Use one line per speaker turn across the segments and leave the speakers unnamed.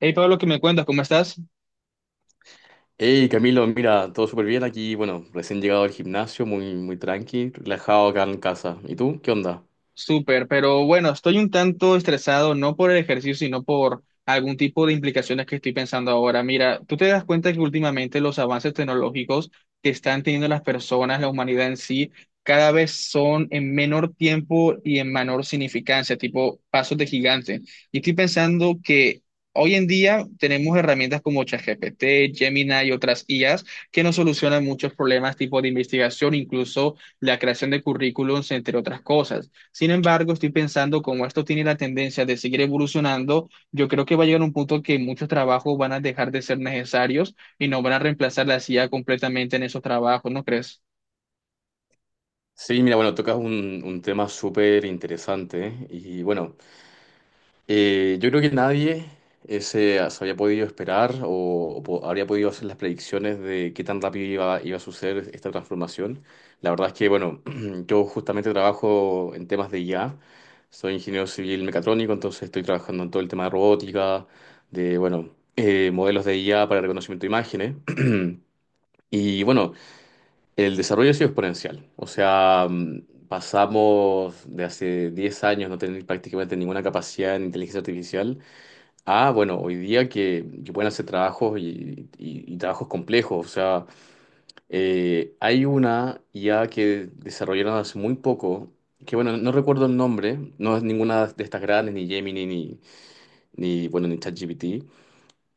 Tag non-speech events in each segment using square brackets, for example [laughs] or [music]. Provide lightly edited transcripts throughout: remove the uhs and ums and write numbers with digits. Hey Pablo, ¿qué me cuentas? ¿Cómo estás?
Hey Camilo, mira, todo súper bien aquí. Bueno, recién llegado al gimnasio, muy, muy tranqui, relajado acá en casa. ¿Y tú? ¿Qué onda?
Súper, pero bueno, estoy un tanto estresado, no por el ejercicio, sino por algún tipo de implicaciones que estoy pensando ahora. Mira, tú te das cuenta que últimamente los avances tecnológicos que están teniendo las personas, la humanidad en sí, cada vez son en menor tiempo y en menor significancia, tipo pasos de gigante. Y estoy pensando que hoy en día tenemos herramientas como ChatGPT, Gemini y otras IAs que nos solucionan muchos problemas, tipo de investigación, incluso la creación de currículums, entre otras cosas. Sin embargo, estoy pensando, como esto tiene la tendencia de seguir evolucionando, yo creo que va a llegar un punto que muchos trabajos van a dejar de ser necesarios y nos van a reemplazar la CIA completamente en esos trabajos, ¿no crees?
Sí, mira, bueno, tocas un tema súper interesante, ¿eh? Y bueno, yo creo que nadie se había podido esperar habría podido hacer las predicciones de qué tan rápido iba a suceder esta transformación. La verdad es que, bueno, [clears throat] yo justamente trabajo en temas de IA, soy ingeniero civil mecatrónico, entonces estoy trabajando en todo el tema de robótica, de, bueno, modelos de IA para reconocimiento de imágenes. [clears throat] Y bueno, el desarrollo ha sido exponencial. O sea, pasamos de hace 10 años no tener prácticamente ninguna capacidad en inteligencia artificial. Ah, bueno, hoy día que pueden hacer trabajos y trabajos complejos. O sea, hay una IA que desarrollaron hace muy poco, que bueno, no recuerdo el nombre, no es ninguna de estas grandes, ni Gemini, ni ChatGPT.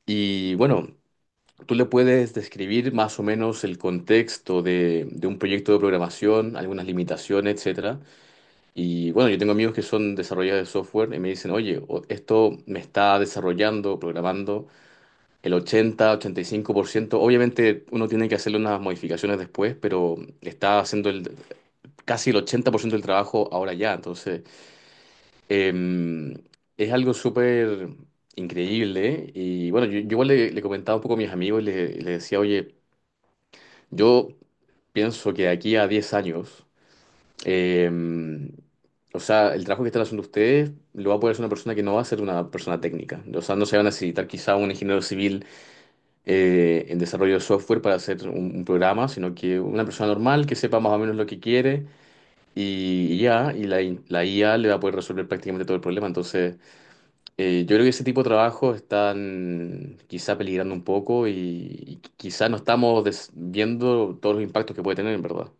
Y bueno, tú le puedes describir más o menos el contexto de un proyecto de programación, algunas limitaciones, etcétera. Y bueno, yo tengo amigos que son desarrolladores de software y me dicen, oye, esto me está desarrollando, programando. El 80, 85%, obviamente uno tiene que hacerle unas modificaciones después, pero está haciendo casi el 80% del trabajo ahora ya. Entonces, eh, es algo súper increíble. Y bueno, yo igual le comentaba un poco a mis amigos y les decía, oye, yo pienso que de aquí a 10 años, eh, o sea, el trabajo que están haciendo ustedes lo va a poder hacer una persona que no va a ser una persona técnica. O sea, no se va a necesitar quizá un ingeniero civil en desarrollo de software para hacer un programa, sino que una persona normal que sepa más o menos lo que quiere la IA le va a poder resolver prácticamente todo el problema. Entonces, yo creo que ese tipo de trabajos están quizá peligrando un poco y quizá no estamos viendo todos los impactos que puede tener, en verdad.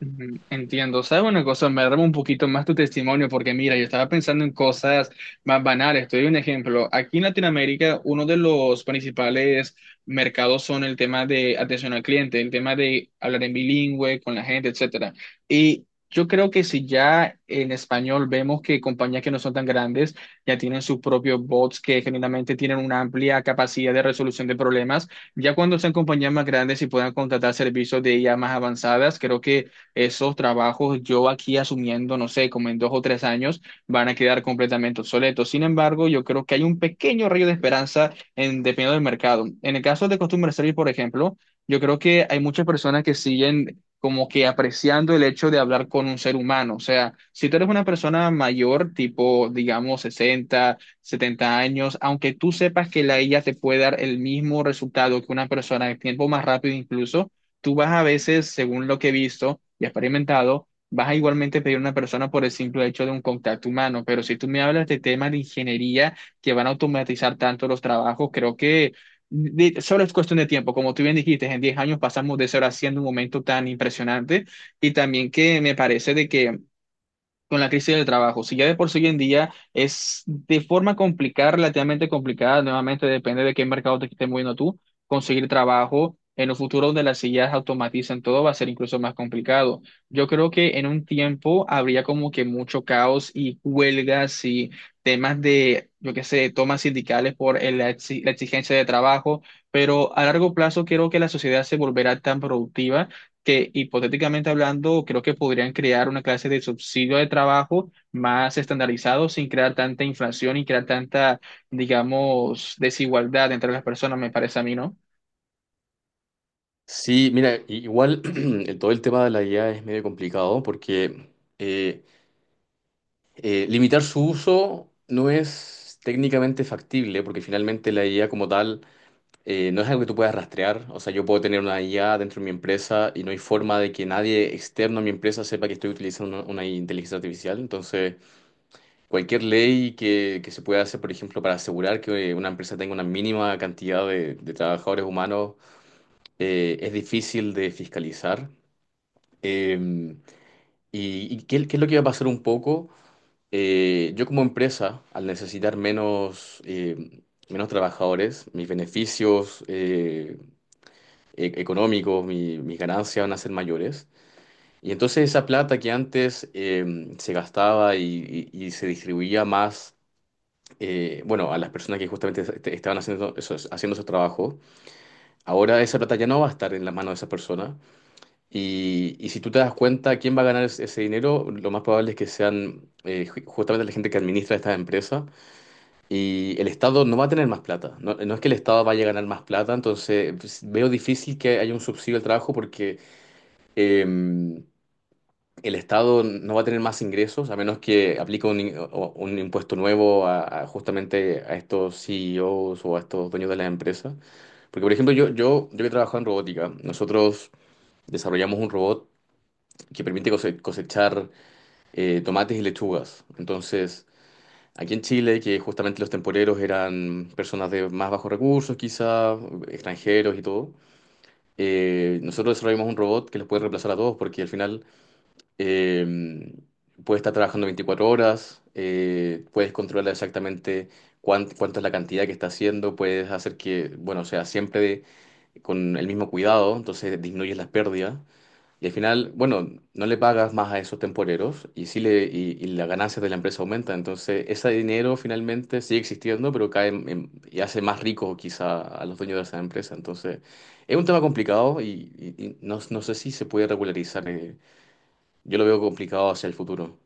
Ujú, entiendo. ¿Sabes una cosa? Me arma un poquito más tu testimonio porque mira, yo estaba pensando en cosas más banales. Te doy un ejemplo. Aquí en Latinoamérica, uno de los principales mercados son el tema de atención al cliente, el tema de hablar en bilingüe con la gente, etcétera. Y yo creo que si ya en español vemos que compañías que no son tan grandes ya tienen sus propios bots que generalmente tienen una amplia capacidad de resolución de problemas, ya cuando sean compañías más grandes y puedan contratar servicios de IA más avanzadas, creo que esos trabajos yo aquí asumiendo, no sé, como en 2 o 3 años, van a quedar completamente obsoletos. Sin embargo, yo creo que hay un pequeño rayo de esperanza en, dependiendo del mercado. En el caso de Customer Service, por ejemplo, yo creo que hay muchas personas que siguen como que apreciando el hecho de hablar con un ser humano. O sea, si tú eres una persona mayor, tipo, digamos, 60 70 años, aunque tú sepas que la IA te puede dar el mismo resultado que una persona de tiempo más rápido incluso, tú vas a veces, según lo que he visto y experimentado, vas a igualmente pedir a una persona por el simple hecho de un contacto humano. Pero si tú me hablas de temas de ingeniería que van a automatizar tanto los trabajos, creo que solo es cuestión de tiempo. Como tú bien dijiste, en 10 años pasamos de ser haciendo un momento tan impresionante y también que me parece de que con la crisis del trabajo. Si ya de por sí hoy en día es de forma complicada, relativamente complicada, nuevamente depende de qué mercado te estés moviendo tú, conseguir trabajo. En un futuro donde las sillas automatizan todo va a ser incluso más complicado. Yo creo que en un tiempo habría como que mucho caos y huelgas y temas de, yo qué sé, tomas sindicales por la exigencia de trabajo, pero a largo plazo creo que la sociedad se volverá tan productiva que hipotéticamente hablando, creo que podrían crear una clase de subsidio de trabajo más estandarizado sin crear tanta inflación y crear tanta, digamos, desigualdad entre las personas, me parece a mí, ¿no?
Sí, mira, igual [clears throat] todo el tema de la IA es medio complicado porque eh, limitar su uso no es técnicamente factible, porque finalmente la IA como tal no es algo que tú puedas rastrear. O sea, yo puedo tener una IA dentro de mi empresa y no hay forma de que nadie externo a mi empresa sepa que estoy utilizando una inteligencia artificial. Entonces, cualquier ley que se pueda hacer, por ejemplo, para asegurar que una empresa tenga una mínima cantidad de trabajadores humanos, es difícil de fiscalizar. Eh, ¿ qué es lo que va a pasar un poco? Yo como empresa, al necesitar menos... menos trabajadores, económicos, mis ganancias van a ser mayores. Y entonces esa plata que antes se gastaba y se distribuía más, bueno, a las personas que justamente estaban haciendo haciendo esos trabajos, ahora esa plata ya no va a estar en las manos de esas personas. Y si tú te das cuenta quién va a ganar ese dinero, lo más probable es que sean justamente la gente que administra estas empresas. Y el Estado no va a tener más plata. No, no es que el Estado vaya a ganar más plata, entonces pues, veo difícil que haya un subsidio al trabajo porque eh, el Estado no va a tener más ingresos a menos que aplique un impuesto nuevo a justamente a estos CEOs o a estos dueños de las empresas. Porque, por ejemplo, yo que he trabajado en robótica, nosotros desarrollamos un robot que permite cosechar tomates y lechugas. Entonces, aquí en Chile, que justamente los temporeros eran personas de más bajos recursos, quizá, extranjeros y todo, nosotros desarrollamos un robot que los puede reemplazar a todos, porque al final Eh, puedes estar trabajando 24 horas, puedes controlar exactamente cuánto es la cantidad que está haciendo, puedes hacer que, bueno, sea siempre con el mismo cuidado, entonces disminuyes las pérdidas. Y al final, bueno, no le pagas más a esos temporeros y las ganancias de la empresa aumentan. Entonces, ese dinero finalmente sigue existiendo, pero cae y hace más rico quizá a los dueños de esa empresa. Entonces, es un tema complicado y no sé si se puede regularizar. Yo lo veo complicado hacia el futuro.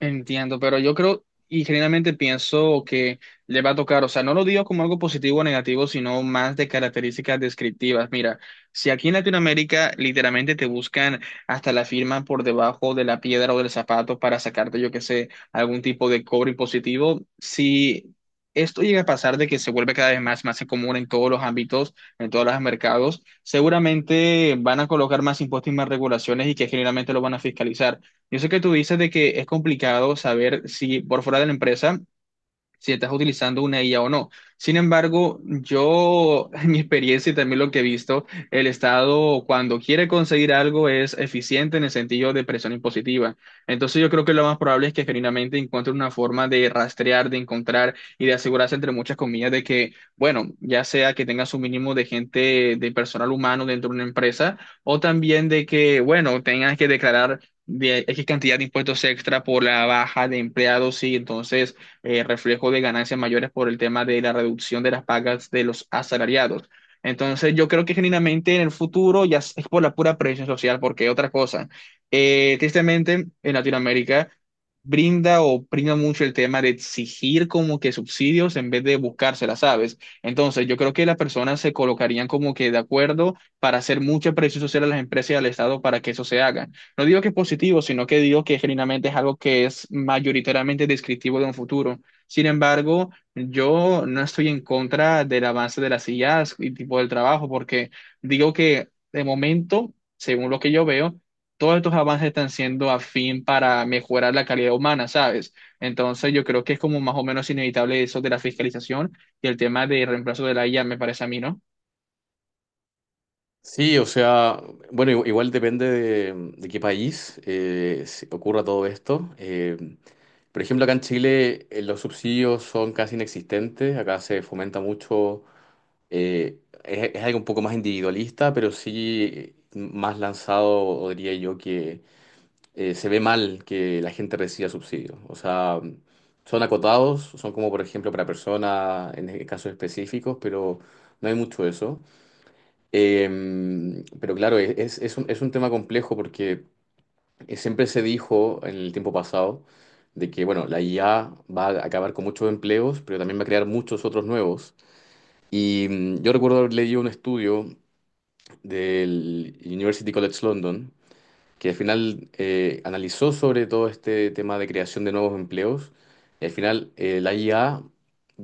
Entiendo, pero yo creo y generalmente pienso que le va a tocar, o sea, no lo digo como algo positivo o negativo, sino más de características descriptivas. Mira, si aquí en Latinoamérica literalmente te buscan hasta la firma por debajo de la piedra o del zapato para sacarte, yo qué sé, algún tipo de cobro impositivo, si esto llega a pasar de que se vuelve cada vez más común en todos los ámbitos, en todos los mercados, seguramente van a colocar más impuestos y más regulaciones y que generalmente lo van a fiscalizar. Yo sé que tú dices de que es complicado saber si por fuera de la empresa si estás utilizando una IA o no. Sin embargo, yo, [laughs] en mi experiencia y también lo que he visto, el Estado cuando quiere conseguir algo es eficiente en el sentido de presión impositiva. Entonces yo creo que lo más probable es que genuinamente encuentre una forma de rastrear, de encontrar y de asegurarse entre muchas comillas de que, bueno, ya sea que tengas un mínimo de gente, de personal humano dentro de una empresa o también de que, bueno, tengas que declarar de X cantidad de impuestos extra por la baja de empleados y entonces reflejo de ganancias mayores por el tema de la reducción de las pagas de los asalariados. Entonces, yo creo que genuinamente en el futuro ya es por la pura presión social, porque otra cosa, tristemente en Latinoamérica brinda o brinda mucho el tema de exigir como que subsidios en vez de buscárselas, ¿sabes? Entonces, yo creo que las personas se colocarían como que de acuerdo para hacer mucha presión social a las empresas y al Estado para que eso se haga. No digo que es positivo, sino que digo que genuinamente es algo que es mayoritariamente descriptivo de un futuro. Sin embargo, yo no estoy en contra del avance de las sillas y tipo del trabajo, porque digo que de momento, según lo que yo veo, todos estos avances están siendo a fin para mejorar la calidad humana, ¿sabes? Entonces, yo creo que es como más o menos inevitable eso de la fiscalización y el tema de reemplazo de la IA, me parece a mí, ¿no?
Sí, o sea, bueno, igual depende de qué país ocurra todo esto. Por ejemplo, acá en Chile los subsidios son casi inexistentes, acá se fomenta mucho, es algo un poco más individualista, pero sí más lanzado, diría yo, que se ve mal que la gente reciba subsidios. O sea, son acotados, son como por ejemplo para personas en casos específicos, pero no hay mucho eso. Pero claro, es es un tema complejo porque siempre se dijo en el tiempo pasado de que, bueno, la IA va a acabar con muchos empleos, pero también va a crear muchos otros nuevos. Y yo recuerdo haber leído un estudio del University College London que al final analizó sobre todo este tema de creación de nuevos empleos. Y al final la IA,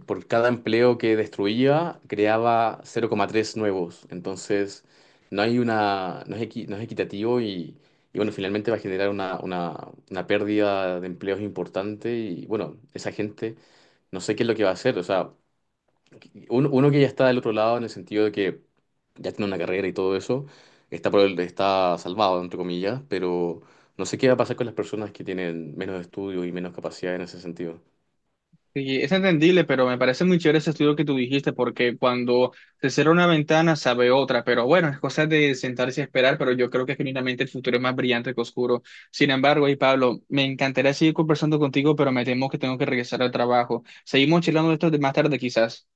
por cada empleo que destruía, creaba 0,3 nuevos. Entonces, no hay una, no es no es equitativo y, bueno, finalmente va a generar una pérdida de empleos importante. Y bueno, esa gente, no sé qué es lo que va a hacer. O sea, uno que ya está del otro lado en el sentido de que ya tiene una carrera y todo eso, está, está salvado, entre comillas, pero no sé qué va a pasar con las personas que tienen menos estudio y menos capacidad en ese sentido.
Sí, es entendible, pero me parece muy chévere ese estudio que tú dijiste, porque cuando se cierra una ventana se abre otra, pero bueno, es cosa de sentarse y esperar, pero yo creo que genuinamente el futuro es más brillante que oscuro. Sin embargo, y Pablo, me encantaría seguir conversando contigo, pero me temo que tengo que regresar al trabajo. Seguimos charlando de esto de más tarde quizás.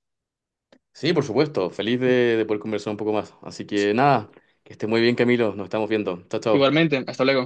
Sí, por supuesto, feliz de poder conversar un poco más. Así que nada, que esté muy bien, Camilo, nos estamos viendo. Chao, chao.
Igualmente, hasta luego.